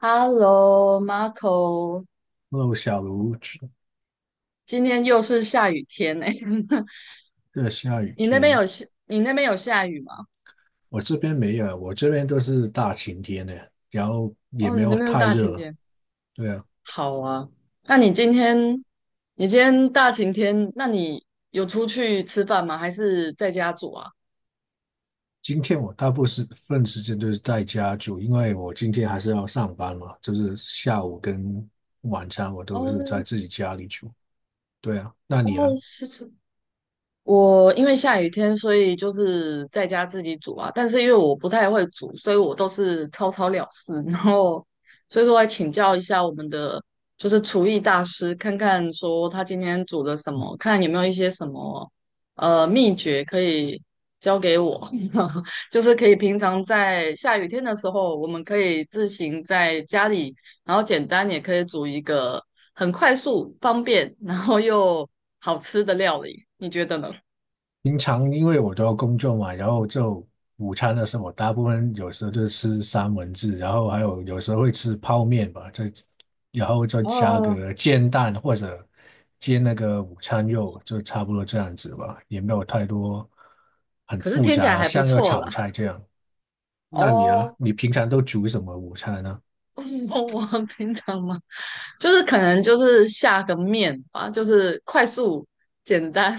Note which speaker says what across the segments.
Speaker 1: Hello, Marco，
Speaker 2: Hello，小卢，这
Speaker 1: 今天又是下雨天呢、
Speaker 2: 下雨
Speaker 1: 你那边
Speaker 2: 天，
Speaker 1: 有下，你那边有下雨吗？
Speaker 2: 我这边没有，我这边都是大晴天的，然后也
Speaker 1: 哦，
Speaker 2: 没
Speaker 1: 你那
Speaker 2: 有
Speaker 1: 边是
Speaker 2: 太
Speaker 1: 大晴
Speaker 2: 热。
Speaker 1: 天。
Speaker 2: 对啊，
Speaker 1: 好啊，那你今天，你今天大晴天，那你有出去吃饭吗？还是在家煮啊？
Speaker 2: 今天我大部分时间都是在家住，因为我今天还是要上班嘛，就是下午跟晚餐我都是在
Speaker 1: 哦
Speaker 2: 自己家里煮，对啊，那你
Speaker 1: 哦，
Speaker 2: 呢？
Speaker 1: 是，吃。我因为下雨天，所以就是在家自己煮啊。但是因为我不太会煮，所以我都是草草了事。然后，所以说来请教一下我们的就是厨艺大师，看看说他今天煮了什么，看有没有一些什么秘诀可以教给我。就是可以平常在下雨天的时候，我们可以自行在家里，然后简单也可以煮一个很快速、方便，然后又好吃的料理。你觉得呢？
Speaker 2: 平常因为我都要工作嘛，然后就午餐的时候，我大部分有时候就吃三文治，然后还有时候会吃泡面吧，然后再加
Speaker 1: 哦，
Speaker 2: 个煎蛋或者煎那个午餐肉，就差不多这样子吧，也没有太多很
Speaker 1: 可是
Speaker 2: 复
Speaker 1: 听起
Speaker 2: 杂
Speaker 1: 来
Speaker 2: 了，
Speaker 1: 还不
Speaker 2: 像要
Speaker 1: 错
Speaker 2: 炒
Speaker 1: 啦。
Speaker 2: 菜这样。那你呢？
Speaker 1: 哦，
Speaker 2: 你平常都煮什么午餐呢？
Speaker 1: 我平常嘛，就是可能就是下个面吧，就是快速简单，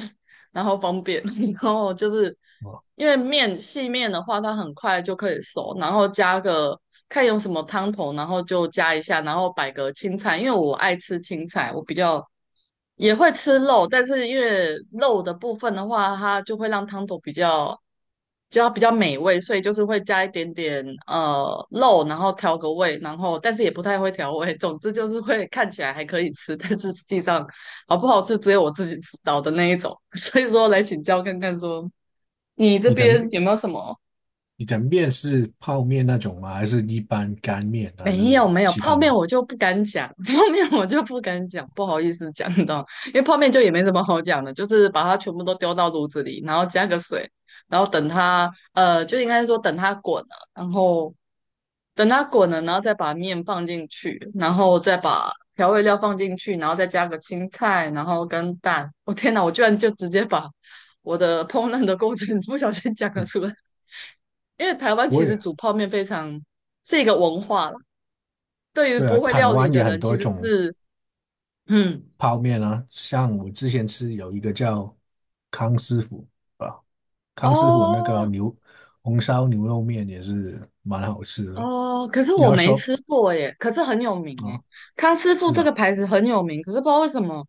Speaker 1: 然后方便，然后就是
Speaker 2: 哦，
Speaker 1: 因为细面的话，它很快就可以熟，然后加个看用什么汤头，然后就加一下，然后摆个青菜，因为我爱吃青菜，我比较也会吃肉，但是因为肉的部分的话，它就会让汤头比较。就要比较美味，所以就是会加一点点肉，然后调个味，然后但是也不太会调味。总之就是会看起来还可以吃，但是实际上好不好吃只有我自己知道的那一种。所以说来请教看看说，你这
Speaker 2: 你的面
Speaker 1: 边有没有什么
Speaker 2: 你的面是泡面那种吗？还是一般干面，还是
Speaker 1: 没有没有，
Speaker 2: 其
Speaker 1: 泡
Speaker 2: 他
Speaker 1: 面
Speaker 2: 吗？
Speaker 1: 我就不敢讲，泡面我就不敢讲，不好意思讲到，因为泡面就也没什么好讲的，就是把它全部都丢到炉子里，然后加个水，然后等它，就应该说等它滚了，然后等它滚了，然后再把面放进去，然后再把调味料放进去，然后再加个青菜，然后跟蛋。我、天哪，我居然就直接把我的烹饪的过程 不小心讲了出来，因为台湾
Speaker 2: 我
Speaker 1: 其实
Speaker 2: 也
Speaker 1: 煮泡面非常。是一个文化啦，对于
Speaker 2: 对啊，
Speaker 1: 不会
Speaker 2: 台
Speaker 1: 料理
Speaker 2: 湾
Speaker 1: 的
Speaker 2: 也很
Speaker 1: 人，
Speaker 2: 多
Speaker 1: 其实
Speaker 2: 种
Speaker 1: 是，嗯，
Speaker 2: 泡面啊，像我之前吃有一个叫康师傅啊，康师傅那个
Speaker 1: 哦
Speaker 2: 牛红烧牛肉面也是蛮好吃的。
Speaker 1: 哦，可是
Speaker 2: 你
Speaker 1: 我
Speaker 2: 要
Speaker 1: 没
Speaker 2: 说
Speaker 1: 吃过耶，可是很有名耶，
Speaker 2: 啊，
Speaker 1: 康师傅
Speaker 2: 是
Speaker 1: 这个
Speaker 2: 啊，
Speaker 1: 牌子很有名，可是不知道为什么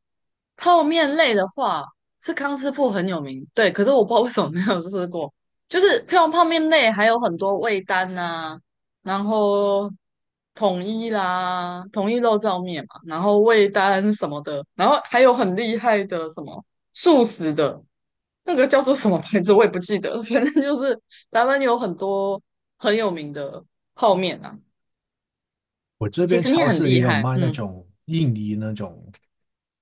Speaker 1: 泡面类的话是康师傅很有名，对，可是我不知道为什么没有吃过，就是泡面类还有很多味丹呐、然后统一啦，统一肉燥面嘛，然后味丹什么的，然后还有很厉害的什么素食的。那个叫做什么牌子我也不记得了反正就是台湾有很多很有名的泡面啊。
Speaker 2: 我这
Speaker 1: 其
Speaker 2: 边
Speaker 1: 实你
Speaker 2: 超
Speaker 1: 很
Speaker 2: 市也
Speaker 1: 厉
Speaker 2: 有
Speaker 1: 害，
Speaker 2: 卖那
Speaker 1: 嗯，
Speaker 2: 种印尼那种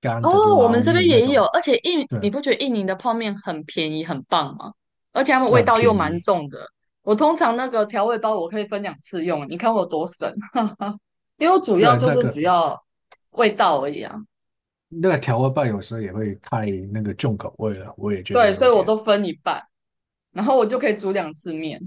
Speaker 2: 干的
Speaker 1: 哦，我
Speaker 2: 捞
Speaker 1: 们这边
Speaker 2: 面那
Speaker 1: 也有，
Speaker 2: 种，
Speaker 1: 而且
Speaker 2: 对
Speaker 1: 你
Speaker 2: 啊，
Speaker 1: 不觉得印尼的泡面很便宜很棒吗？而且它们
Speaker 2: 就
Speaker 1: 味
Speaker 2: 很
Speaker 1: 道又
Speaker 2: 便
Speaker 1: 蛮
Speaker 2: 宜。
Speaker 1: 重的。我通常那个调味包我可以分两次用，你看我多省，因为我主
Speaker 2: 对
Speaker 1: 要
Speaker 2: 啊，
Speaker 1: 就
Speaker 2: 那
Speaker 1: 是
Speaker 2: 个
Speaker 1: 只要味道而已啊。
Speaker 2: 那个调味棒有时候也会太重口味了，我也觉得
Speaker 1: 对，所
Speaker 2: 有
Speaker 1: 以我
Speaker 2: 点。
Speaker 1: 都分一半。然后我就可以煮两次面，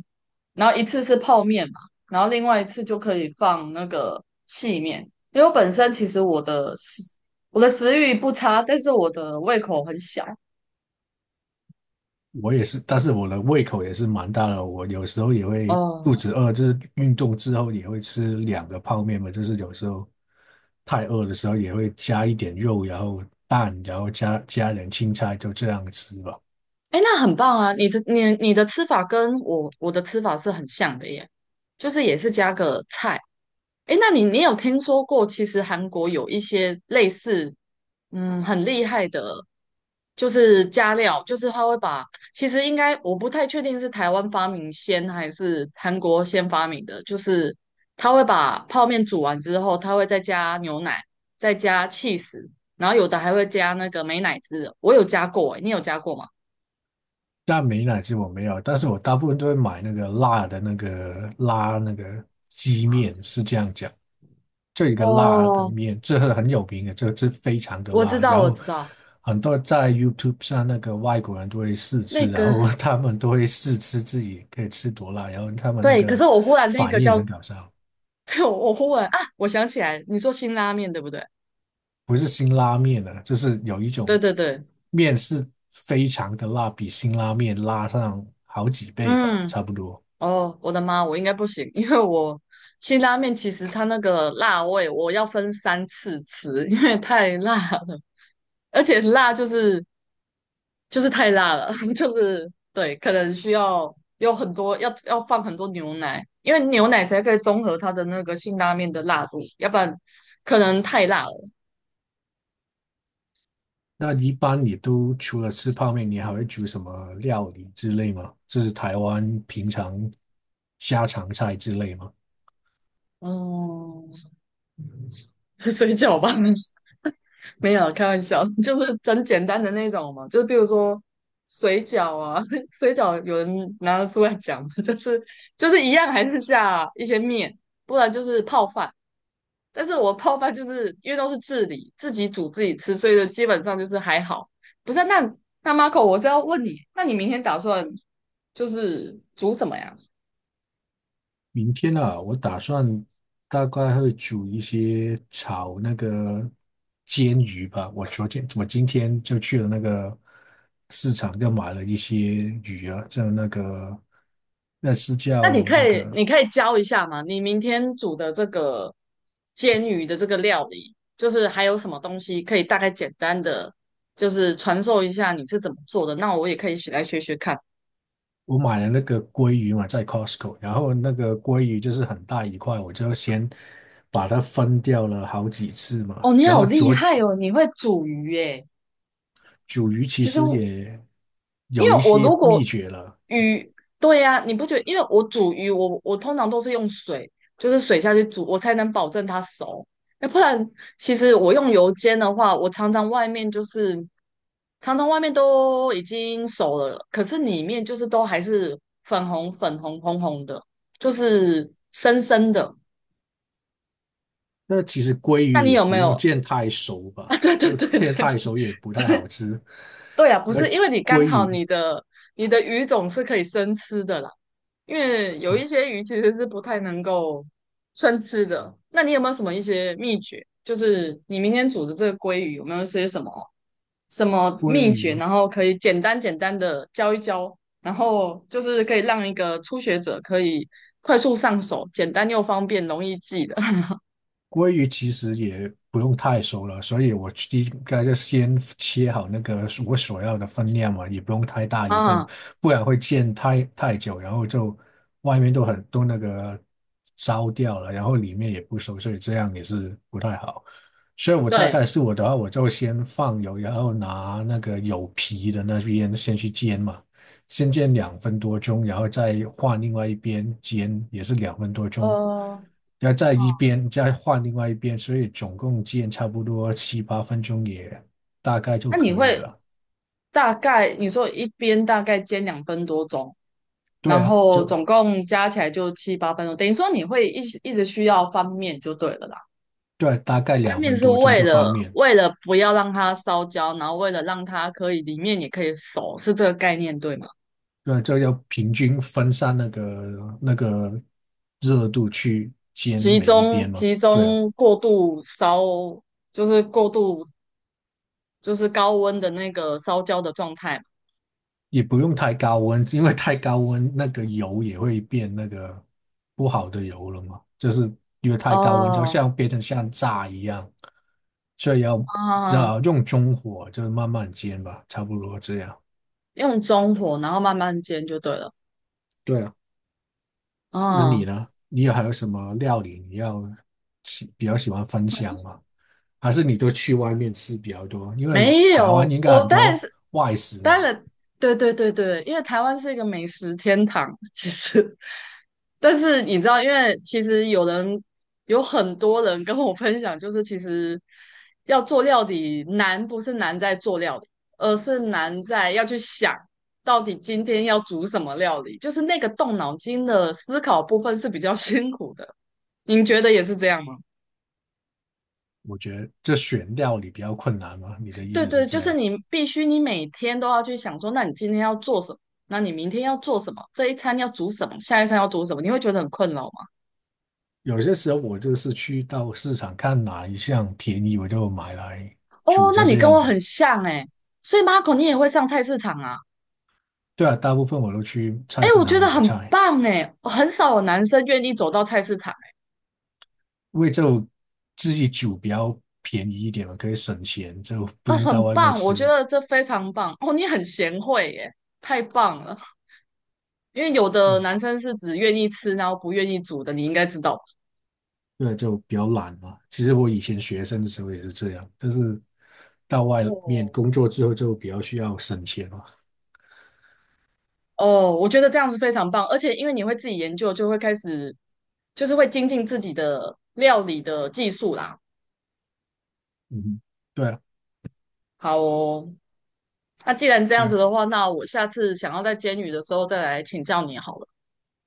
Speaker 1: 然后一次是泡面嘛，然后另外一次就可以放那个细面，因为我本身其实我的食欲不差，但是我的胃口很小，
Speaker 2: 我也是，但是我的胃口也是蛮大的，我有时候也会肚
Speaker 1: 哦，
Speaker 2: 子饿，就是运动之后也会吃两个泡面嘛，就是有时候太饿的时候也会加一点肉，然后蛋，然后加点青菜，就这样吃吧。
Speaker 1: 哎，那很棒啊！你的吃法跟我的吃法是很像的耶，就是也是加个菜。哎，那你有听说过，其实韩国有一些类似，嗯，很厉害的，就是加料，就是他会把，其实应该我不太确定是台湾发明先还是韩国先发明的，就是他会把泡面煮完之后，他会再加牛奶，再加 cheese，然后有的还会加那个美乃滋的。我有加过，哎，你有加过吗？
Speaker 2: 那美乃滋我没有，但是我大部分都会买那个辣的那个拉那个鸡面，是这样讲。这个辣的
Speaker 1: 哦，
Speaker 2: 面，这个很有名的，这个是非常的
Speaker 1: 我知
Speaker 2: 辣。
Speaker 1: 道，
Speaker 2: 然
Speaker 1: 我
Speaker 2: 后
Speaker 1: 知道，
Speaker 2: 很多在 YouTube 上那个外国人都会试
Speaker 1: 那
Speaker 2: 吃，然
Speaker 1: 个
Speaker 2: 后他们都会试吃自己可以吃多辣，然后他们那
Speaker 1: 对，可
Speaker 2: 个
Speaker 1: 是我忽然那
Speaker 2: 反
Speaker 1: 个
Speaker 2: 应
Speaker 1: 叫，
Speaker 2: 很搞笑，
Speaker 1: 对我忽然啊，我想起来，你说辛拉面对不对？
Speaker 2: 不是辛拉面的，就是有一
Speaker 1: 对
Speaker 2: 种
Speaker 1: 对对，
Speaker 2: 面是非常的辣，比辛拉面辣上好几倍吧，
Speaker 1: 嗯，
Speaker 2: 差不多。
Speaker 1: 哦，我的妈，我应该不行，因为我辛拉面其实它那个辣味，我要分三次吃，因为太辣了，而且辣就是就是太辣了，就是对，可能需要有很多要放很多牛奶，因为牛奶才可以中和它的那个辛拉面的辣度，要不然可能太辣了。
Speaker 2: 那一般你都除了吃泡面，你还会煮什么料理之类吗？就是台湾平常家常菜之类吗？
Speaker 1: 哦，水饺吧，没有开玩笑，就是很简单的那种嘛，就是比如说水饺啊，水饺有人拿得出来讲吗，就是一样还是下一些面，不然就是泡饭。但是我泡饭就是因为都是自理，自己煮自己吃，所以就基本上就是还好。不是啊，那 Marco，我是要问你，那你明天打算就是煮什么呀？
Speaker 2: 明天啊，我打算大概会煮一些炒那个煎鱼吧。我今天就去了那个市场，就买了一些鱼啊，就那个那是
Speaker 1: 那你
Speaker 2: 叫那
Speaker 1: 可以，你
Speaker 2: 个
Speaker 1: 可以教一下吗？你明天煮的这个煎鱼的这个料理，就是还有什么东西可以大概简单的，就是传授一下你是怎么做的？那我也可以学来学学看。
Speaker 2: 我买了那个鲑鱼嘛，在 Costco，然后那个鲑鱼就是很大一块，我就先把它分掉了好几次嘛。
Speaker 1: 哦，你好厉害哦，你会煮鱼耶！
Speaker 2: 煮鱼其
Speaker 1: 其实
Speaker 2: 实也
Speaker 1: 因为
Speaker 2: 有一
Speaker 1: 我
Speaker 2: 些
Speaker 1: 如果
Speaker 2: 秘诀了，
Speaker 1: 鱼，对呀、你不觉得？因为我煮鱼，我通常都是用水，就是水下去煮，我才能保证它熟。那不然，其实我用油煎的话，我常常外面就是常常外面都已经熟了，可是里面就是都还是粉红红红的，就是生生的。
Speaker 2: 那其实鲑鱼
Speaker 1: 那你
Speaker 2: 也
Speaker 1: 有
Speaker 2: 不
Speaker 1: 没
Speaker 2: 用
Speaker 1: 有
Speaker 2: 煎太熟
Speaker 1: 啊？
Speaker 2: 吧，
Speaker 1: 对对
Speaker 2: 这
Speaker 1: 对对
Speaker 2: 煎
Speaker 1: 对，
Speaker 2: 太熟也不太好吃。
Speaker 1: 对呀、不
Speaker 2: 要
Speaker 1: 是因为你
Speaker 2: 鲑
Speaker 1: 刚好
Speaker 2: 鱼
Speaker 1: 你的鱼种是可以生吃的啦。因为有一
Speaker 2: 哦，
Speaker 1: 些鱼其实是不太能够生吃的。那你有没有什么一些秘诀？就是你明天煮的这个鲑鱼有没有一些什么什么
Speaker 2: 鲑
Speaker 1: 秘诀，
Speaker 2: 鱼
Speaker 1: 然后可以简单简单的教一教，然后就是可以让一个初学者可以快速上手，简单又方便，容易记的
Speaker 2: 鲑鱼其实也不用太熟了，所以我应该就先切好那个我所要的分量嘛，也不用太大 一份，
Speaker 1: 啊？
Speaker 2: 不然会煎太久，然后就外面都很多那个烧掉了，然后里面也不熟，所以这样也是不太好。所以我大
Speaker 1: 对，
Speaker 2: 概是我的话，我就先放油，然后拿那个有皮的那边先去煎嘛。先煎两分多钟，然后再换另外一边煎，也是两分多钟，
Speaker 1: 呃，
Speaker 2: 然后再换另外一边，所以总共煎差不多七八分钟也大概就
Speaker 1: 那你
Speaker 2: 可以
Speaker 1: 会
Speaker 2: 了。
Speaker 1: 大概你说一边大概煎两分多钟，
Speaker 2: 对
Speaker 1: 然
Speaker 2: 啊，
Speaker 1: 后
Speaker 2: 就
Speaker 1: 总共加起来就七八分钟，等于说你会一直需要翻面就对了啦。
Speaker 2: 对啊，大概
Speaker 1: 翻
Speaker 2: 两
Speaker 1: 面
Speaker 2: 分
Speaker 1: 是
Speaker 2: 多钟
Speaker 1: 为
Speaker 2: 就翻
Speaker 1: 了
Speaker 2: 面。
Speaker 1: 为了不要让它烧焦，然后为了让它可以里面也可以熟，是这个概念对吗？
Speaker 2: 对啊，这要平均分散那个热度去煎
Speaker 1: 集
Speaker 2: 每一边
Speaker 1: 中
Speaker 2: 嘛。
Speaker 1: 集
Speaker 2: 对啊。
Speaker 1: 中过度烧，就是过度就是高温的那个烧焦的状态嘛。
Speaker 2: 也不用太高温，因为太高温那个油也会变那个不好的油了嘛，就是因为太高温就
Speaker 1: 哦，
Speaker 2: 像变成像炸一样，所以只
Speaker 1: 啊，
Speaker 2: 要用中火，就是慢慢煎吧，差不多这样。
Speaker 1: 用中火然后慢慢煎就对了。
Speaker 2: 对啊，那你
Speaker 1: 啊。
Speaker 2: 呢？你有还有什么料理你要比较喜欢分享吗？还是你都去外面吃比较多？因为
Speaker 1: 没
Speaker 2: 台湾
Speaker 1: 有，
Speaker 2: 应该
Speaker 1: 我
Speaker 2: 很
Speaker 1: 当然
Speaker 2: 多
Speaker 1: 是，
Speaker 2: 外食
Speaker 1: 当
Speaker 2: 嘛，
Speaker 1: 然，对对对对，因为台湾是一个美食天堂，其实，但是你知道，因为其实有人有很多人跟我分享，就是其实要做料理难，不是难在做料理，而是难在要去想到底今天要煮什么料理，就是那个动脑筋的思考部分是比较 辛苦的。您觉得也是这样吗？
Speaker 2: 我觉得这选料理比较困难嘛，你的意
Speaker 1: 对
Speaker 2: 思是
Speaker 1: 对，就
Speaker 2: 这
Speaker 1: 是
Speaker 2: 样？
Speaker 1: 你必须，你每天都要去想说，那你今天要做什么？那你明天要做什么？这一餐要煮什么？下一餐要煮什么？你会觉得很困扰吗？
Speaker 2: 有些时候我就是去到市场看哪一项便宜，我就买来
Speaker 1: 哦，
Speaker 2: 煮
Speaker 1: 那
Speaker 2: 就
Speaker 1: 你
Speaker 2: 这
Speaker 1: 跟
Speaker 2: 样
Speaker 1: 我很
Speaker 2: 吧。
Speaker 1: 像哎，所以 Marco 你也会上菜市场啊？
Speaker 2: 对啊，大部分我都去
Speaker 1: 哎，
Speaker 2: 菜市
Speaker 1: 我觉
Speaker 2: 场
Speaker 1: 得
Speaker 2: 买
Speaker 1: 很
Speaker 2: 菜，
Speaker 1: 棒哎，很少有男生愿意走到菜市场
Speaker 2: 因为就自己煮比较便宜一点嘛，可以省钱，就不
Speaker 1: 诶，
Speaker 2: 用到
Speaker 1: 很
Speaker 2: 外面
Speaker 1: 棒，我觉
Speaker 2: 吃。
Speaker 1: 得这非常棒哦，你很贤惠耶，太棒了。因为有的
Speaker 2: 嗯，
Speaker 1: 男生是只愿意吃，然后不愿意煮的，你应该知道吧
Speaker 2: 对，就比较懒嘛。其实我以前学生的时候也是这样，但是到外面
Speaker 1: 哦，
Speaker 2: 工作之后就比较需要省钱嘛。
Speaker 1: 哦，我觉得这样是非常棒，而且因为你会自己研究，就会开始会精进自己的料理的技术啦。
Speaker 2: 嗯，对啊，
Speaker 1: 好哦，那既然这
Speaker 2: 对
Speaker 1: 样
Speaker 2: 啊。
Speaker 1: 子的话，那我下次想要在煎鱼的时候再来请教你好了。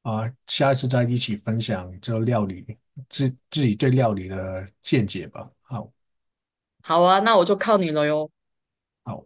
Speaker 2: 啊，下一次再一起分享这料理，自己对料理的见解吧。好，
Speaker 1: 好啊，那我就靠你了哟。
Speaker 2: 好。